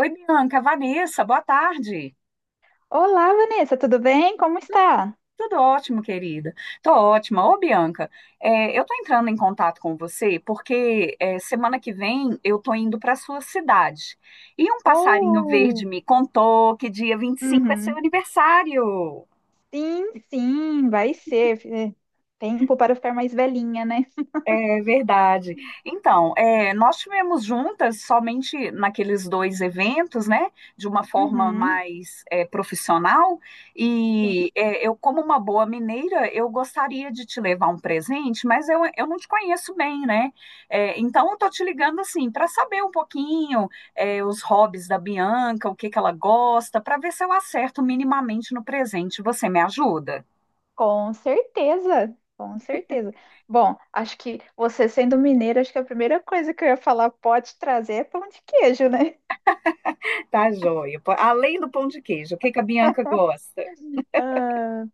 Oi, Bianca, Vanessa, boa tarde. Olá, Vanessa, tudo bem? Como está? Tudo ótimo, querida. Tô ótima. Ô, Bianca, eu tô entrando em contato com você porque, semana que vem eu tô indo para sua cidade. E um passarinho verde Oh. me contou que dia 25 é seu Uhum. aniversário. Sim, sim, vai ser. É. Tempo para ficar mais velhinha, né? É verdade. Então, nós tivemos juntas somente naqueles dois eventos, né? De uma forma Uhum. mais profissional. E Sim, eu, como uma boa mineira, eu gostaria de te levar um presente, mas eu não te conheço bem, né? É, então, eu tô te ligando assim para saber um pouquinho, os hobbies da Bianca, o que que ela gosta, para ver se eu acerto minimamente no presente. Você me ajuda? com certeza, com certeza. Bom, acho que você sendo mineira, acho que a primeira coisa que eu ia falar pode trazer é pão de queijo, né? Tá joia. Pô, além do pão de queijo, o que que a Bianca gosta? Ah,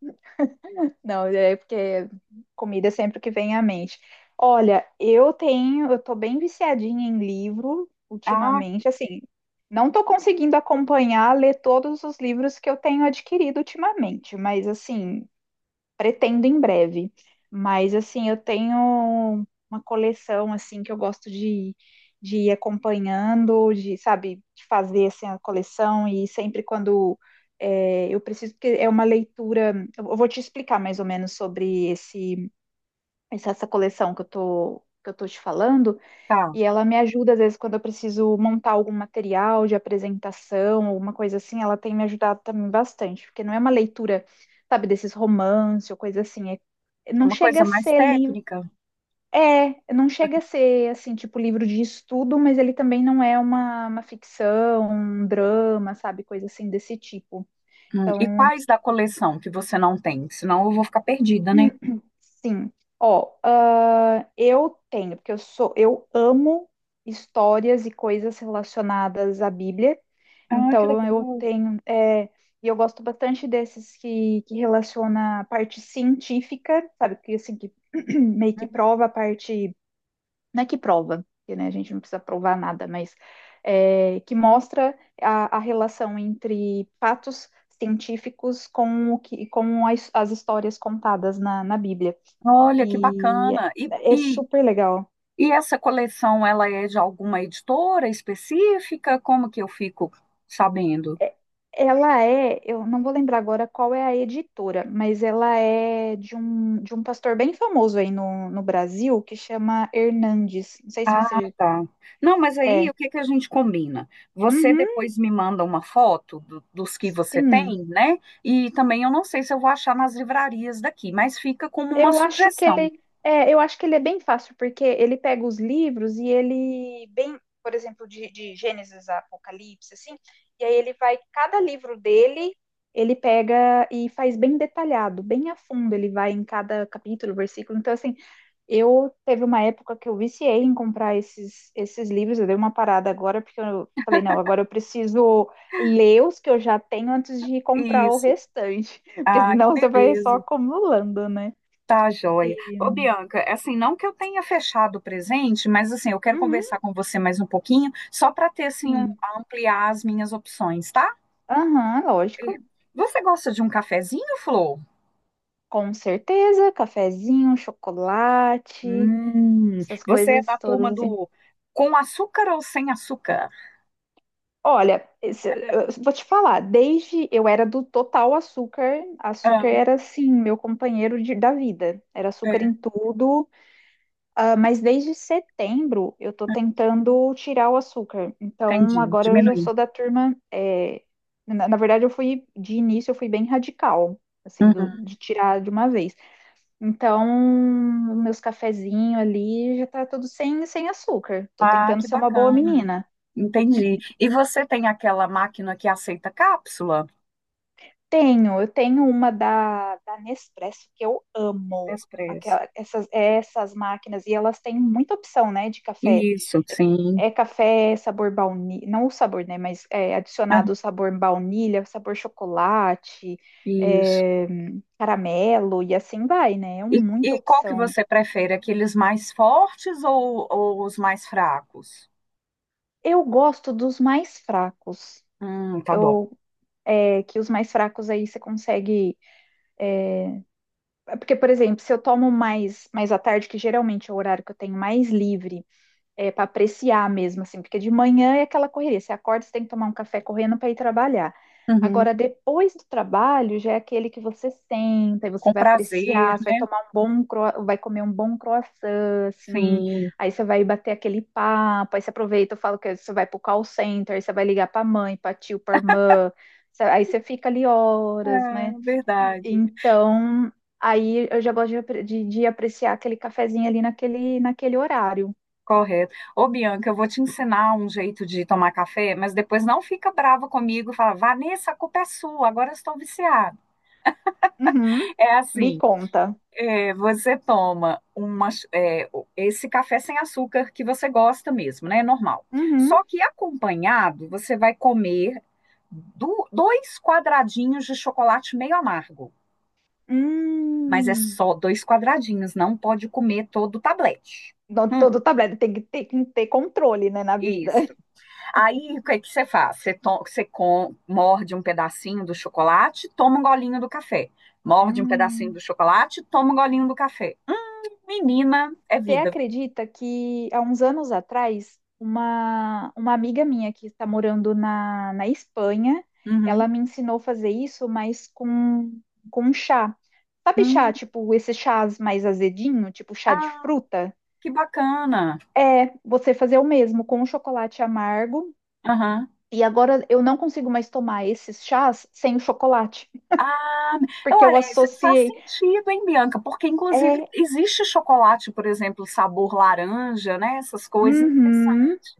não, é porque comida é sempre o que vem à mente. Olha, eu tô bem viciadinha em livro Ah. ultimamente, assim, não tô conseguindo acompanhar, ler todos os livros que eu tenho adquirido ultimamente, mas assim, pretendo em breve. Mas assim, eu tenho uma coleção assim que eu gosto de ir acompanhando, de, sabe, de fazer assim, a coleção e sempre quando eu preciso, porque é uma leitura. Eu vou te explicar mais ou menos sobre esse, essa essa coleção que que eu tô te falando, Tá, e ela me ajuda, às vezes, quando eu preciso montar algum material de apresentação, alguma coisa assim, ela tem me ajudado também bastante, porque não é uma leitura, sabe, desses romance ou coisa assim. É Não uma chega coisa a mais ser livro. técnica. É, não chega a ser, assim, tipo livro de estudo, mas ele também não é uma ficção, um drama, sabe, coisa assim desse tipo. Hum. E Então, quais da coleção que você não tem? Senão eu vou ficar perdida, né? sim. Ó, eu tenho, porque eu sou, eu amo histórias e coisas relacionadas à Bíblia. Ah, que Então eu legal. tenho, e eu gosto bastante desses que relaciona a parte científica, sabe? Que assim, que meio que prova a parte, não é que prova, porque, né, a gente não precisa provar nada, mas que mostra a relação entre fatos científicos com o que, com as histórias contadas na Bíblia. Olha, que E bacana. É super legal. E essa coleção, ela é de alguma editora específica? Como que eu fico sabendo? É- Ela é, eu não vou lembrar agora qual é a editora, mas ela é de um pastor bem famoso aí no Brasil que chama Hernandes. Não sei se Ah, você. tá. Não, mas aí É. o que que a gente combina? Você Uhum, depois me manda uma foto dos que você sim. tem, né? E também eu não sei se eu vou achar nas livrarias daqui, mas fica como uma Eu acho que sugestão. ele é, eu acho que ele é bem fácil, porque ele pega os livros e ele bem, por exemplo, de Gênesis a Apocalipse, assim, e aí ele vai, cada livro dele, ele pega e faz bem detalhado, bem a fundo, ele vai em cada capítulo, versículo. Então, assim, eu teve uma época que eu viciei em comprar esses livros, eu dei uma parada agora, porque eu falei, não, agora eu preciso ler os que eu já tenho antes de comprar o Isso. restante, porque Ah, que senão você vai só beleza. acumulando, né? Tá, joia. Ô, Bianca, é assim, não que eu tenha fechado o presente, mas assim, eu quero Uhum, conversar com você mais um pouquinho, só para ter assim, sim. ampliar as minhas opções, tá? Aham, Eh, lógico. você gosta de um cafezinho, Flor? Com certeza, cafezinho, chocolate, essas Você é da coisas todas turma assim. do com açúcar ou sem açúcar? Olha, eu vou te falar, desde eu era do total açúcar, açúcar Ah, era assim, meu companheiro da vida. Era açúcar é, em tudo, mas desde setembro eu tô tentando tirar o açúcar. Então entendi, agora eu já diminuir. sou da turma, na verdade de início eu fui bem radical, assim, Uhum. de tirar de uma vez. Então, meus cafezinhos ali já tá tudo sem açúcar. Tô Ah, tentando que ser uma boa bacana. menina. Entendi. E você tem aquela máquina que aceita cápsula? Eu tenho uma da Nespresso que eu amo. Expresso. Essas máquinas, e elas têm muita opção, né, de café. Isso, É, sim. é café sabor baunilha, não o sabor, né, mas é Ah, adicionado o sabor baunilha, sabor chocolate, isso. é, caramelo, e assim vai, né? É E, muita e qual que opção. você prefere? Aqueles mais fortes ou os mais fracos? Eu gosto dos mais fracos. Tá bom. Eu, que os mais fracos aí você consegue. Porque, por exemplo, se eu tomo mais à tarde, que geralmente é o horário que eu tenho mais livre, para apreciar mesmo, assim, porque de manhã é aquela correria. Você acorda, você tem que tomar um café correndo para ir trabalhar. Uhum. Agora, depois do trabalho, já é aquele que você senta e você Com vai prazer, apreciar, você vai né? tomar vai comer um bom croissant, assim, Sim, aí você vai bater aquele papo, aí você aproveita, eu falo que você vai pro call center, aí você vai ligar pra mãe, pra tio, pra irmã, aí você fica ali é horas, né? verdade. Então, aí eu já gosto de apreciar aquele cafezinho ali naquele horário. Correto. Ô, Bianca, eu vou te ensinar um jeito de tomar café, mas depois não fica brava comigo e fala, Vanessa, a culpa é sua, agora eu estou viciada. Uhum. É Me assim. conta. É, você toma esse café sem açúcar que você gosta mesmo, né? É normal. Uhum. Só que acompanhado, você vai comer dois quadradinhos de chocolate meio amargo. Mas é Hum. só dois quadradinhos, não pode comer todo o tablete. Não. Hum, Todo tablet tem que ter controle, né, na vida. isso. Aí, o que é que você faz? Você morde um pedacinho do chocolate, toma um golinho do café. Morde um pedacinho do Hum. chocolate, toma um golinho do café. Menina, é Você vida. acredita que há uns anos atrás, uma amiga minha que está morando na Espanha, Uhum. ela me ensinou a fazer isso, mas com chá. Sabe Hum, chá, tipo, esses chás mais azedinho, tipo chá de ah, fruta? que bacana. É, você fazer o mesmo com o chocolate amargo. Aham. E agora eu não consigo mais tomar esses chás sem o chocolate, Ah, porque eu olha, isso faz associei. sentido, hein, Bianca? Porque, inclusive, É, existe chocolate, por exemplo, sabor laranja, né? Essas coisas uhum, interessantes.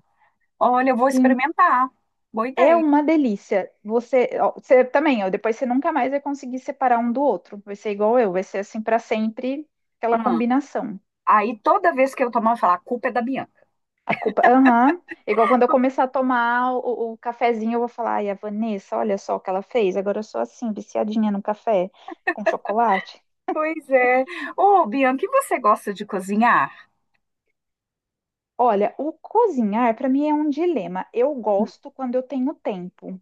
Olha, eu vou sim, experimentar. Boa é ideia. uma delícia. Você também, ó, depois você nunca mais vai conseguir separar um do outro. Vai ser igual eu, vai ser assim para sempre aquela Ah, combinação. aí, toda vez que eu tomar, eu falar, a culpa é da Bianca. A culpa, aham. Igual quando eu começar a tomar o cafezinho, eu vou falar, ai, a Vanessa, olha só o que ela fez. Agora eu sou assim, viciadinha no café com chocolate. Pois é. Ô, Bianca, e você gosta de cozinhar? Olha, o cozinhar para mim é um dilema. Eu Hum, gosto quando eu tenho tempo.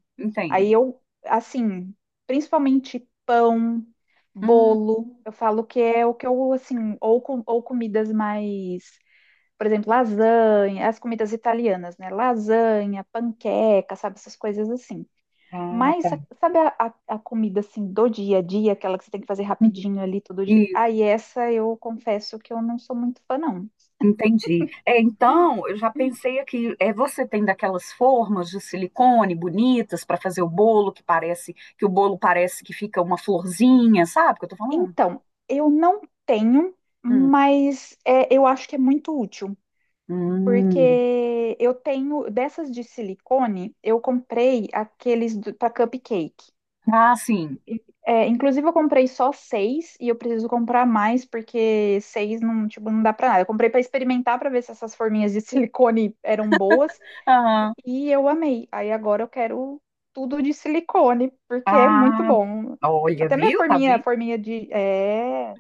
Aí entendo. eu, assim, principalmente pão, Hum, bolo, eu falo que é o que eu, assim, ou comidas mais, por exemplo, lasanha, as comidas italianas, né? Lasanha, panqueca, sabe, essas coisas assim. ah, Mas, tá. sabe a comida, assim, do dia a dia, aquela que você tem que fazer rapidinho ali todo dia? Isso. Aí essa eu confesso que eu não sou muito fã, não. Entendi. É, então, eu já pensei aqui, você tem daquelas formas de silicone bonitas para fazer o bolo, que parece que o bolo parece que fica uma florzinha, sabe o que eu tô falando? Então, eu não tenho, Hum. mas eu acho que é muito útil, Hum. porque eu tenho dessas de silicone, eu comprei aqueles para cupcake. Ah, sim. É, inclusive, eu comprei só seis e eu preciso comprar mais, porque seis não, tipo, não dá para nada. Eu comprei para experimentar para ver se essas forminhas de silicone eram boas Aham. e eu amei. Aí agora eu quero tudo de silicone, porque é muito Ah, bom. olha, Até minha viu? Tá forminha, vendo? forminha de. É.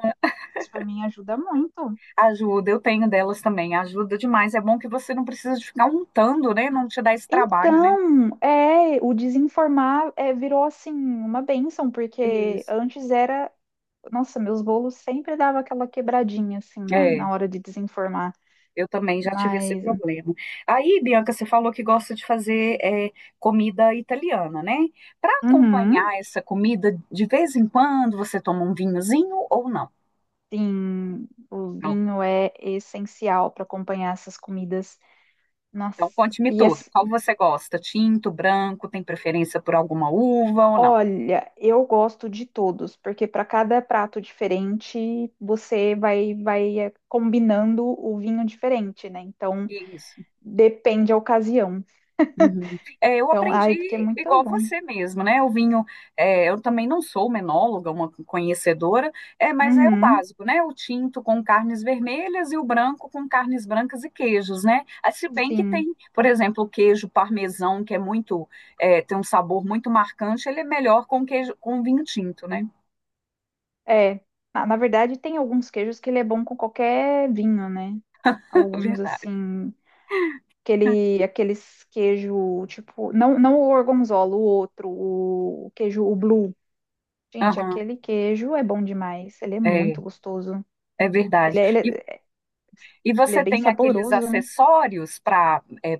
Isso por mim ajuda muito. Ajuda, eu tenho delas também, ajuda demais. É bom que você não precisa de ficar untando, né? Não te dá esse trabalho, né? Então, o desinformar virou assim uma bênção porque Isso. antes era, nossa, meus bolos sempre dava aquela quebradinha assim na, É. na hora de desinformar. Eu também já tive esse Mas, problema. Aí, Bianca, você falou que gosta de fazer comida italiana, né? Para uhum, acompanhar essa comida, de vez em quando você toma um vinhozinho ou não? sim, o Não. vinho é essencial para acompanhar essas comidas. Nossa, Então, conte-me e tudo. Qual assim, você gosta? Tinto, branco? Tem preferência por alguma uva ou não? olha, eu gosto de todos, porque para cada prato diferente você vai combinando o vinho diferente, né? Então, Isso. depende da ocasião. Uhum. É, eu Então, aprendi ai, porque é muito igual bom. você mesmo, né? O vinho, é, eu também não sou uma enóloga, uma conhecedora, mas é o Uhum, básico, né? O tinto com carnes vermelhas e o branco com carnes brancas e queijos, né? Ah, se bem que tem, sim. por exemplo, o queijo parmesão, que é muito, tem um sabor muito marcante, ele é melhor com queijo, com vinho tinto, né? É. Na verdade, tem alguns queijos que ele é bom com qualquer vinho, né? Alguns Verdade. assim, aqueles queijo, tipo, não, não o gorgonzola, o outro, o queijo, o blue. Gente, Aham, aquele queijo é bom demais. Ele é é, muito gostoso. é Ele verdade. é, ele é, E ele é você bem tem aqueles saboroso, né? acessórios para,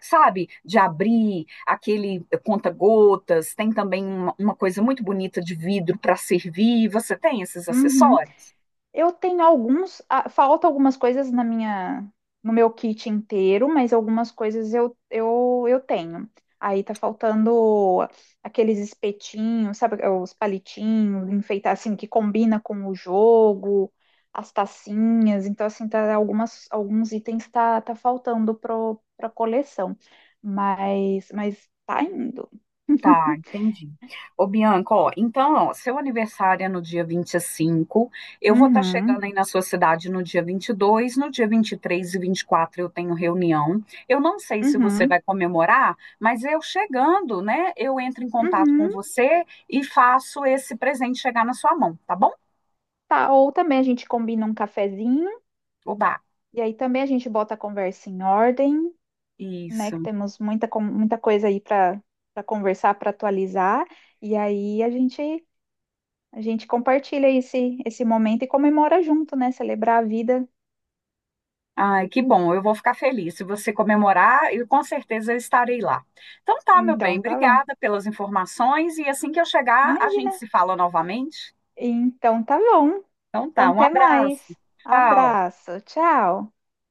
sabe, de abrir, aquele conta-gotas, tem também uma coisa muito bonita de vidro para servir. Você tem esses Uhum. acessórios? Eu tenho alguns, falta algumas coisas na minha, no meu kit inteiro, mas algumas coisas eu tenho. Aí tá faltando aqueles espetinhos, sabe, os palitinhos, enfeitar assim que combina com o jogo, as tacinhas. Então assim, tá algumas alguns itens tá faltando pro pra coleção. Mas tá indo. Tá, entendi. Ô, Bianca, ó, então, ó, seu aniversário é no dia 25, eu vou estar chegando Uhum. aí na sua cidade no dia 22, no dia 23, e 24 eu tenho reunião. Eu não sei se você Uhum. vai comemorar, mas eu chegando, né, eu entro em contato com Uhum. você e faço esse presente chegar na sua mão, tá bom? Tá, ou também a gente combina um cafezinho. Oba, E aí também a gente bota a conversa em ordem, né? Que isso. temos muita coisa aí para conversar, para atualizar. E aí a gente compartilha esse momento e comemora junto, né? Celebrar a vida. Ai, que bom, eu vou ficar feliz. Se você comemorar, eu com certeza eu estarei lá. Então tá, meu bem, Então tá bom. obrigada pelas informações e assim que eu chegar, a gente Imagina. se fala novamente. Então tá bom. Então tá, Então um até abraço. mais. Tchau. Abraço. Tchau.